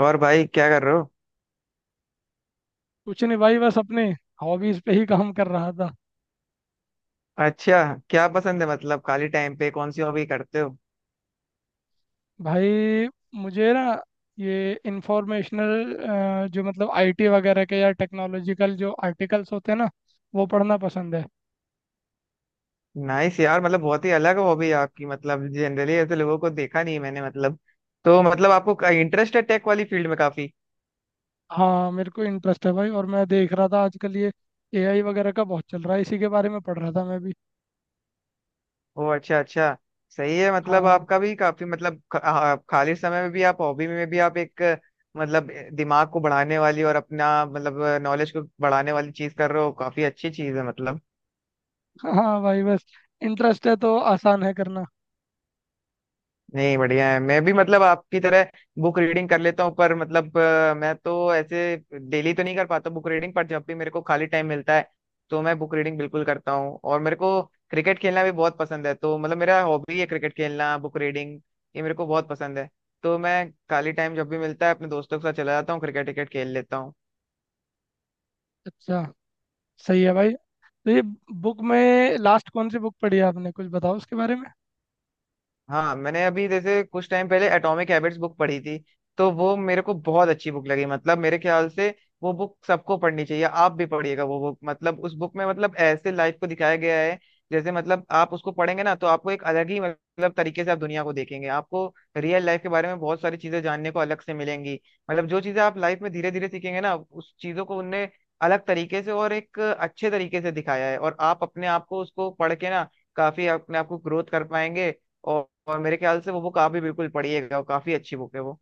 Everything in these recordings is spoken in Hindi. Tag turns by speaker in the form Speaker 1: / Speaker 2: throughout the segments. Speaker 1: और भाई क्या कर रहे हो।
Speaker 2: कुछ नहीं भाई बस अपने हॉबीज पे ही काम कर रहा था।
Speaker 1: अच्छा, क्या पसंद है मतलब खाली टाइम पे कौन सी हॉबी करते हो?
Speaker 2: भाई मुझे ना ये इंफॉर्मेशनल जो मतलब आईटी वगैरह के या टेक्नोलॉजिकल जो आर्टिकल्स होते हैं ना वो पढ़ना पसंद है।
Speaker 1: नाइस यार, मतलब बहुत ही अलग हॉबी है आपकी, मतलब जनरली ऐसे लोगों को देखा नहीं है मैंने, मतलब तो मतलब आपको इंटरेस्ट है टेक वाली फील्ड में काफी।
Speaker 2: हाँ मेरे को इंटरेस्ट है भाई और मैं देख रहा था आजकल ये एआई वगैरह का बहुत चल रहा है इसी के बारे में पढ़ रहा था मैं भी।
Speaker 1: ओ अच्छा अच्छा, सही है। मतलब
Speaker 2: हाँ।
Speaker 1: आपका भी काफी मतलब खाली समय में भी आप हॉबी में भी आप एक मतलब दिमाग को बढ़ाने वाली और अपना मतलब नॉलेज को बढ़ाने वाली चीज कर रहे हो, काफी अच्छी चीज है मतलब।
Speaker 2: हाँ भाई बस इंटरेस्ट है तो आसान है करना।
Speaker 1: नहीं, बढ़िया है। मैं भी मतलब आपकी तरह बुक रीडिंग कर लेता हूँ, पर मतलब मैं तो ऐसे डेली तो नहीं कर पाता बुक रीडिंग, पर जब भी मेरे को खाली टाइम मिलता है तो मैं बुक रीडिंग बिल्कुल करता हूँ। और मेरे को क्रिकेट खेलना भी बहुत पसंद है, तो मतलब मेरा हॉबी है क्रिकेट खेलना, बुक रीडिंग, ये मेरे को बहुत पसंद है। तो मैं खाली टाइम जब भी मिलता है अपने दोस्तों के साथ चला जाता हूँ, क्रिकेट क्रिकेट खेल लेता हूँ।
Speaker 2: अच्छा। सही है भाई। तो ये बुक में लास्ट कौन सी बुक पढ़ी है आपने कुछ बताओ उसके बारे में।
Speaker 1: हाँ, मैंने अभी जैसे कुछ टाइम पहले एटॉमिक हैबिट्स बुक पढ़ी थी, तो वो मेरे को बहुत अच्छी बुक लगी। मतलब मेरे ख्याल से वो बुक सबको पढ़नी चाहिए, आप भी पढ़िएगा वो बुक। मतलब उस बुक में मतलब ऐसे लाइफ को दिखाया गया है, जैसे मतलब आप उसको पढ़ेंगे ना तो आपको एक अलग ही मतलब तरीके से आप दुनिया को देखेंगे। आपको रियल लाइफ के बारे में बहुत सारी चीजें जानने को अलग से मिलेंगी। मतलब जो चीजें आप लाइफ में धीरे धीरे सीखेंगे ना उस चीजों को उनने अलग तरीके से और एक अच्छे तरीके से दिखाया है, और आप अपने आप को उसको पढ़ के ना काफी अपने आप को ग्रोथ कर पाएंगे। और मेरे ख्याल से वो बुक आप भी बिल्कुल पढ़िएगा, वो काफी अच्छी बुक है वो।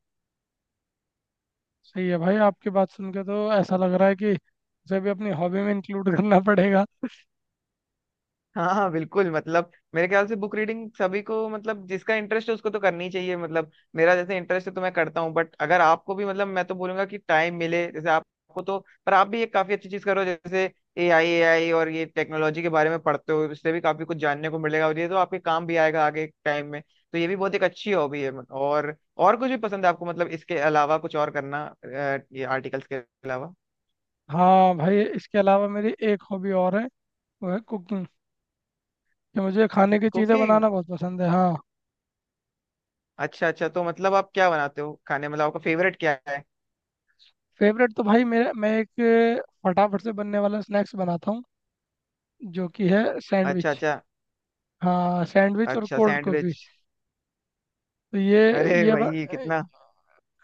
Speaker 2: सही है भाई आपकी बात सुन के तो ऐसा लग रहा है कि उसे भी अपनी हॉबी में इंक्लूड करना पड़ेगा।
Speaker 1: हाँ हाँ बिल्कुल, मतलब मेरे ख्याल से बुक रीडिंग सभी को मतलब जिसका इंटरेस्ट है उसको तो करनी चाहिए। मतलब मेरा जैसे इंटरेस्ट है तो मैं करता हूँ, बट अगर आपको भी मतलब, मैं तो बोलूंगा कि टाइम मिले जैसे आपको तो पर आप भी एक काफी अच्छी चीज करो, जैसे ए आई, ए आई और ये टेक्नोलॉजी के बारे में पढ़ते हो, इससे भी काफी कुछ जानने को मिलेगा और ये तो आपके काम भी आएगा आगे टाइम में। तो ये भी बहुत एक अच्छी हॉबी है मतलब। और कुछ भी पसंद है आपको मतलब इसके अलावा कुछ और करना ये आर्टिकल्स के अलावा?
Speaker 2: हाँ भाई इसके अलावा मेरी एक हॉबी और है, वो है कुकिंग कि मुझे खाने की चीज़ें
Speaker 1: कुकिंग?
Speaker 2: बनाना बहुत पसंद है। हाँ।
Speaker 1: अच्छा अच्छा, तो मतलब आप क्या बनाते हो खाने, मतलब आपका फेवरेट क्या है?
Speaker 2: फेवरेट तो भाई मेरा, मैं एक फटाफट से बनने वाला स्नैक्स बनाता हूँ जो कि है
Speaker 1: अच्छा
Speaker 2: सैंडविच।
Speaker 1: अच्छा।
Speaker 2: हाँ सैंडविच और
Speaker 1: अच्छा,
Speaker 2: कोल्ड कॉफ़ी।
Speaker 1: सैंडविच।
Speaker 2: तो ये
Speaker 1: अरे
Speaker 2: ये ब-
Speaker 1: भाई कितना,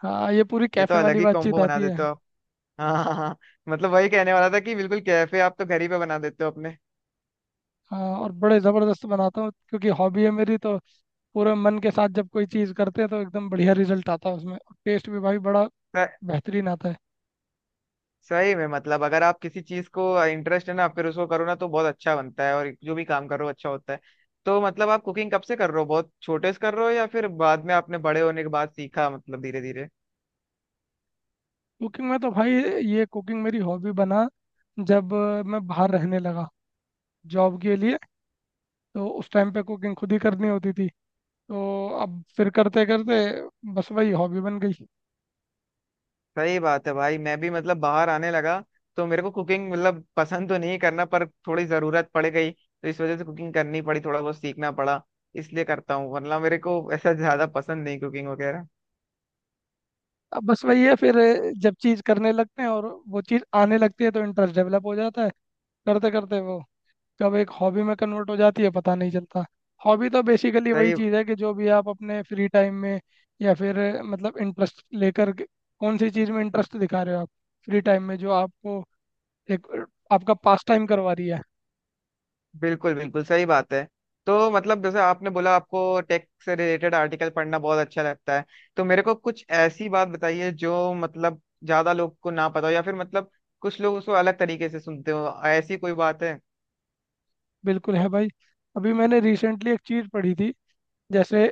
Speaker 2: हाँ ये पूरी
Speaker 1: ये तो
Speaker 2: कैफ़े
Speaker 1: अलग
Speaker 2: वाली
Speaker 1: ही
Speaker 2: बातचीत
Speaker 1: कॉम्बो बना
Speaker 2: आती है।
Speaker 1: देते हो आप। हाँ हाँ हाँ, मतलब वही कहने वाला था कि बिल्कुल कैफे आप तो घर ही पे बना देते हो अपने।
Speaker 2: हाँ और बड़े ज़बरदस्त बनाता हूँ क्योंकि हॉबी है मेरी, तो पूरे मन के साथ जब कोई चीज़ करते हैं तो एकदम बढ़िया रिजल्ट आता है उसमें और टेस्ट भी भाई बड़ा
Speaker 1: स-
Speaker 2: बेहतरीन आता है।
Speaker 1: सही में मतलब अगर आप किसी चीज को इंटरेस्ट है ना फिर उसको करो ना तो बहुत अच्छा बनता है, और जो भी काम करो अच्छा होता है। तो मतलब आप कुकिंग कब से कर रहे हो, बहुत छोटे से कर रहे हो या फिर बाद में आपने बड़े होने के बाद सीखा, मतलब धीरे धीरे?
Speaker 2: कुकिंग में तो भाई, ये कुकिंग मेरी हॉबी बना जब मैं बाहर रहने लगा जॉब के लिए। तो उस टाइम पे कुकिंग खुद ही करनी होती थी। तो अब फिर करते करते बस वही हॉबी बन गई।
Speaker 1: सही बात है भाई, मैं भी मतलब बाहर आने लगा तो मेरे को कुकिंग मतलब पसंद तो नहीं करना, पर थोड़ी जरूरत पड़ गई तो इस वजह से कुकिंग करनी पड़ी, थोड़ा बहुत सीखना पड़ा, इसलिए करता हूँ। वरना मेरे को ऐसा ज्यादा पसंद नहीं कुकिंग वगैरह।
Speaker 2: अब बस वही है फिर, जब चीज़ करने लगते हैं और वो चीज़ आने लगती है तो इंटरेस्ट डेवलप हो जाता है। करते करते वो कब एक हॉबी में कन्वर्ट हो जाती है पता नहीं चलता। हॉबी तो बेसिकली वही
Speaker 1: सही,
Speaker 2: चीज़ है कि जो भी आप अपने फ्री टाइम में या फिर मतलब इंटरेस्ट लेकर के, कौन सी चीज़ में इंटरेस्ट दिखा रहे हो आप, फ्री टाइम में जो आपको एक आपका पास टाइम करवा रही है।
Speaker 1: बिल्कुल बिल्कुल सही बात है। तो मतलब जैसे आपने बोला आपको टेक से रिलेटेड आर्टिकल पढ़ना बहुत अच्छा लगता है, तो मेरे को कुछ ऐसी बात बताइए जो मतलब ज्यादा लोग को ना पता हो या फिर मतलब कुछ लोग उसको अलग तरीके से सुनते हो, ऐसी कोई बात है?
Speaker 2: बिल्कुल है भाई। अभी मैंने रिसेंटली एक चीज़ पढ़ी थी। जैसे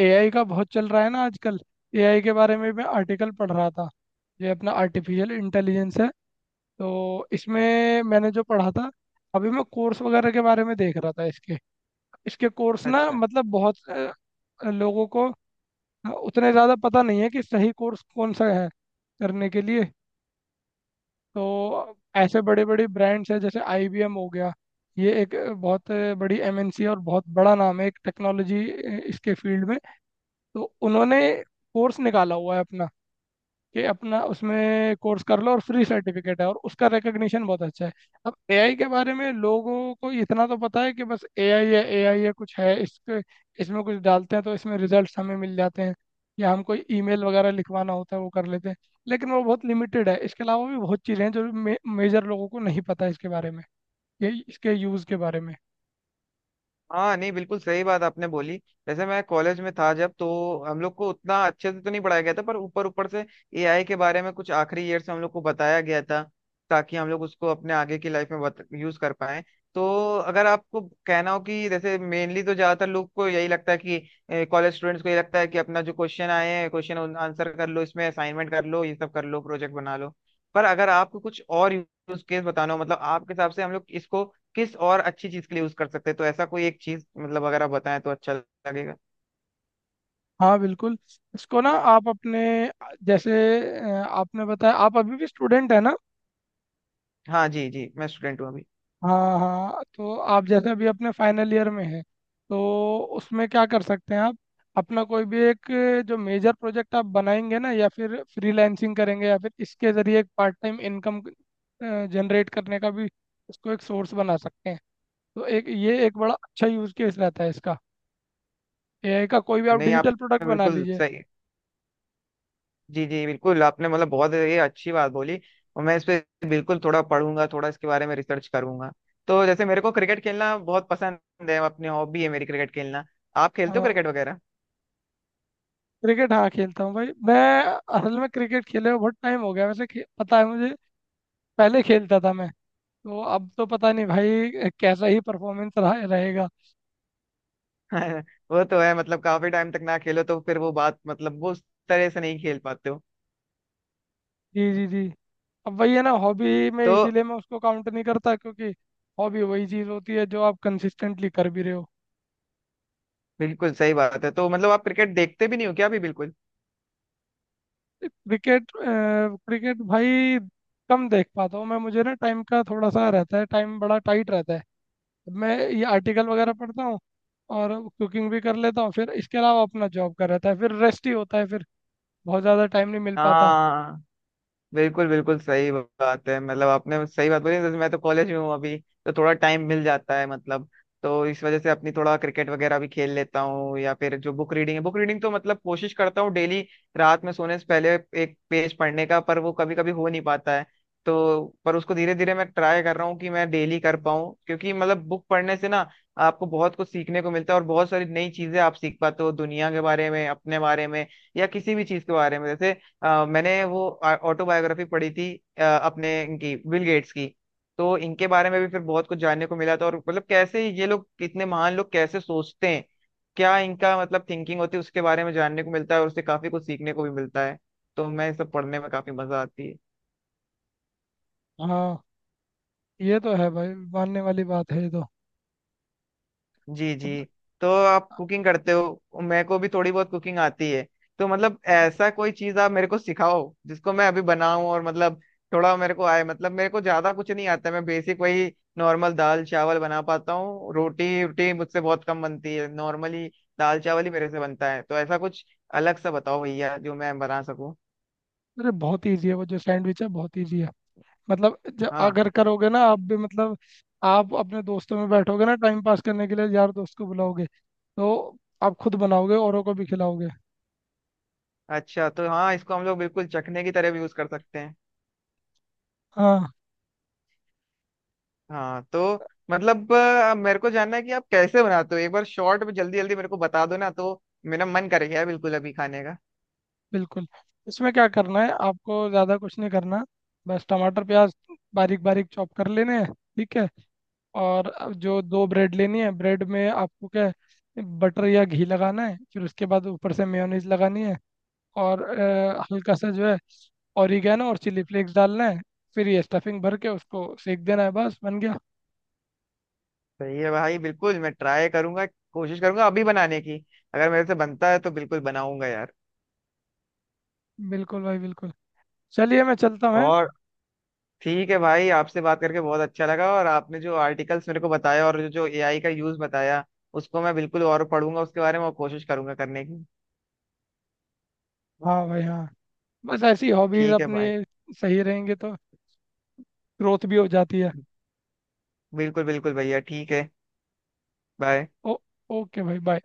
Speaker 2: एआई का बहुत चल रहा है ना आजकल, एआई के बारे में मैं आर्टिकल पढ़ रहा था। ये अपना आर्टिफिशियल इंटेलिजेंस है। तो इसमें मैंने जो पढ़ा था, अभी मैं कोर्स वगैरह के बारे में देख रहा था इसके। इसके कोर्स ना
Speaker 1: अच्छा।
Speaker 2: मतलब बहुत लोगों को उतने ज़्यादा पता नहीं है कि सही कोर्स कौन सा है करने के लिए। तो ऐसे बड़े बड़े ब्रांड्स हैं जैसे IBM हो गया। ये एक बहुत बड़ी एमएनसी है और बहुत बड़ा नाम है एक टेक्नोलॉजी इसके फील्ड में। तो उन्होंने कोर्स निकाला हुआ है अपना कि अपना उसमें कोर्स कर लो, और फ्री सर्टिफिकेट है और उसका रिकग्निशन बहुत अच्छा है। अब एआई के बारे में लोगों को इतना तो पता है कि बस एआई है, एआई है कुछ है, इसके इसमें कुछ डालते हैं तो इसमें रिजल्ट्स हमें मिल जाते हैं, या हम कोई ईमेल वगैरह लिखवाना होता है वो कर लेते हैं। लेकिन वो बहुत लिमिटेड है, इसके अलावा भी बहुत चीज़ें हैं जो मेजर लोगों को नहीं पता इसके बारे में, ये इसके यूज़ के बारे में।
Speaker 1: हाँ नहीं, बिल्कुल सही बात आपने बोली। जैसे मैं कॉलेज में था जब तो हम लोग को उतना अच्छे से तो नहीं पढ़ाया गया था, पर ऊपर ऊपर से एआई के बारे में कुछ आखिरी ईयर से हम लोग को बताया गया था, ताकि हम लोग उसको अपने आगे की लाइफ में यूज कर पाए। तो अगर आपको कहना हो कि जैसे मेनली तो ज्यादातर लोग को यही लगता है, कि कॉलेज स्टूडेंट्स को यही लगता है कि अपना जो क्वेश्चन आए हैं क्वेश्चन आंसर कर लो, इसमें असाइनमेंट कर लो, ये सब कर लो, प्रोजेक्ट बना लो, पर अगर आपको कुछ और यूज केस बताना हो मतलब आपके हिसाब से हम लोग इसको किस और अच्छी चीज के लिए यूज कर सकते हैं, तो ऐसा कोई एक चीज मतलब अगर आप बताएं तो अच्छा लगेगा।
Speaker 2: हाँ बिल्कुल। इसको ना आप अपने, जैसे आपने बताया आप अभी भी स्टूडेंट है ना।
Speaker 1: हाँ जी जी, मैं स्टूडेंट हूँ अभी।
Speaker 2: हाँ हाँ, तो आप जैसे अभी अपने फाइनल ईयर में है, तो उसमें क्या कर सकते हैं आप, अपना कोई भी एक जो मेजर प्रोजेक्ट आप बनाएंगे ना, या फिर फ्रीलांसिंग करेंगे, या फिर इसके जरिए एक पार्ट टाइम इनकम जनरेट करने का भी इसको एक सोर्स बना सकते हैं। तो एक ये एक बड़ा अच्छा यूज केस रहता है इसका, एआई का कोई भी आप
Speaker 1: नहीं,
Speaker 2: डिजिटल प्रोडक्ट
Speaker 1: आपने
Speaker 2: बना
Speaker 1: बिल्कुल
Speaker 2: लीजिए।
Speaker 1: सही, जी जी बिल्कुल, आपने मतलब बहुत ये अच्छी बात बोली, और मैं इस पे बिल्कुल थोड़ा पढ़ूंगा, थोड़ा इसके बारे में रिसर्च करूंगा। तो जैसे मेरे को क्रिकेट खेलना बहुत पसंद है, अपनी हॉबी है मेरी क्रिकेट खेलना, आप खेलते हो
Speaker 2: हाँ।
Speaker 1: क्रिकेट वगैरह?
Speaker 2: क्रिकेट, हाँ खेलता हूँ भाई मैं। असल में क्रिकेट खेले हुए बहुत टाइम हो गया वैसे, पता है मुझे, पहले खेलता था मैं। तो अब तो पता नहीं भाई कैसा ही परफॉर्मेंस रहा रहेगा।
Speaker 1: वो तो है, मतलब काफी टाइम तक ना खेलो तो फिर वो बात मतलब वो उस तरह से नहीं खेल पाते हो।
Speaker 2: जी जी जी। अब वही है ना, हॉबी में
Speaker 1: तो
Speaker 2: इसीलिए मैं उसको काउंट नहीं करता क्योंकि हॉबी वही चीज़ होती है जो आप कंसिस्टेंटली कर भी रहे हो।
Speaker 1: बिल्कुल सही बात है। तो मतलब आप क्रिकेट देखते भी नहीं हो क्या अभी बिल्कुल?
Speaker 2: क्रिकेट क्रिकेट भाई कम देख पाता हूँ मैं, मुझे ना टाइम का थोड़ा सा रहता है, टाइम बड़ा टाइट रहता है। मैं ये आर्टिकल वगैरह पढ़ता हूँ और कुकिंग भी कर लेता हूँ, फिर इसके अलावा अपना जॉब कर रहता है, फिर रेस्ट ही होता है, फिर बहुत ज़्यादा टाइम नहीं मिल पाता।
Speaker 1: हाँ, बिल्कुल बिल्कुल सही बात है, मतलब आपने सही बात बोली। जैसे मैं तो कॉलेज में हूँ अभी, तो थोड़ा टाइम मिल जाता है मतलब, तो इस वजह से अपनी थोड़ा क्रिकेट वगैरह भी खेल लेता हूँ, या फिर जो बुक रीडिंग है बुक रीडिंग तो मतलब कोशिश करता हूँ डेली रात में सोने से पहले एक पेज पढ़ने का, पर वो कभी कभी हो नहीं पाता है। तो पर उसको धीरे धीरे मैं ट्राई कर रहा हूँ कि मैं डेली कर पाऊँ, क्योंकि मतलब बुक पढ़ने से ना आपको बहुत कुछ सीखने को मिलता है, और बहुत सारी नई चीजें आप सीख पाते हो दुनिया के बारे में, अपने बारे में या किसी भी चीज के बारे में। जैसे मैंने वो ऑटोबायोग्राफी पढ़ी थी अपने इनकी, बिल गेट्स की, तो इनके बारे में भी फिर बहुत कुछ जानने को मिला था। और मतलब कैसे ये लोग इतने महान लोग कैसे सोचते हैं, क्या इनका मतलब थिंकिंग होती है, उसके बारे में जानने को मिलता है और उससे काफी कुछ सीखने को भी मिलता है। तो मैं ये सब पढ़ने में काफी मजा आती है।
Speaker 2: हाँ ये तो है भाई, मानने वाली बात है ये तो।
Speaker 1: जी जी। तो आप कुकिंग करते हो, मेरे को भी थोड़ी बहुत कुकिंग आती है। तो मतलब ऐसा कोई चीज आप मेरे को सिखाओ जिसको मैं अभी बनाऊं और मतलब थोड़ा मेरे को आए, मतलब मेरे को ज्यादा कुछ नहीं आता, मैं बेसिक वही नॉर्मल दाल चावल बना पाता हूँ, रोटी रोटी मुझसे बहुत कम बनती है नॉर्मली, दाल चावल ही मेरे से बनता है। तो ऐसा कुछ अलग सा बताओ भैया जो मैं बना सकूं।
Speaker 2: अरे बहुत इजी है वो, जो सैंडविच है बहुत इजी है। मतलब जब
Speaker 1: हाँ,
Speaker 2: अगर करोगे ना आप भी, मतलब आप अपने दोस्तों में बैठोगे ना टाइम पास करने के लिए, यार दोस्त को बुलाओगे तो आप खुद बनाओगे, औरों को भी खिलाओगे।
Speaker 1: अच्छा तो हाँ, इसको हम लोग बिल्कुल चखने की तरह भी यूज कर सकते हैं।
Speaker 2: हाँ।
Speaker 1: हाँ, तो मतलब मेरे को जानना है कि आप कैसे बनाते हो, एक बार शॉर्ट में जल्दी जल्दी मेरे को बता दो ना, तो मेरा मन कर गया है बिल्कुल अभी खाने का।
Speaker 2: बिल्कुल, इसमें क्या करना है, आपको ज़्यादा कुछ नहीं करना। बस टमाटर प्याज बारीक बारीक चॉप कर लेने हैं, ठीक है। और अब जो दो ब्रेड लेनी है, ब्रेड में आपको क्या है, बटर या घी लगाना है, फिर उसके बाद ऊपर से मेयोनीज लगानी है। और हल्का सा जो है ऑरिगेनो और चिली फ्लेक्स डालना है। फिर ये स्टफिंग भर के उसको सेक देना है, बस बन गया।
Speaker 1: सही है भाई, बिल्कुल मैं ट्राई करूंगा, कोशिश करूंगा अभी बनाने की, अगर मेरे से बनता है तो बिल्कुल बनाऊंगा यार।
Speaker 2: बिल्कुल भाई बिल्कुल। चलिए मैं चलता हूँ, हैं?
Speaker 1: और ठीक है भाई, आपसे बात करके बहुत अच्छा लगा, और आपने जो आर्टिकल्स मेरे को बताया और जो जो एआई का यूज बताया उसको मैं बिल्कुल और पढ़ूंगा, उसके बारे में और कोशिश करूंगा करने की।
Speaker 2: हाँ भाई हाँ, बस ऐसी हॉबीज
Speaker 1: ठीक है
Speaker 2: अपनी
Speaker 1: भाई,
Speaker 2: सही रहेंगे तो ग्रोथ भी हो जाती है।
Speaker 1: बिल्कुल बिल्कुल भैया, ठीक है, बाय।
Speaker 2: ओ, ओके भाई बाय।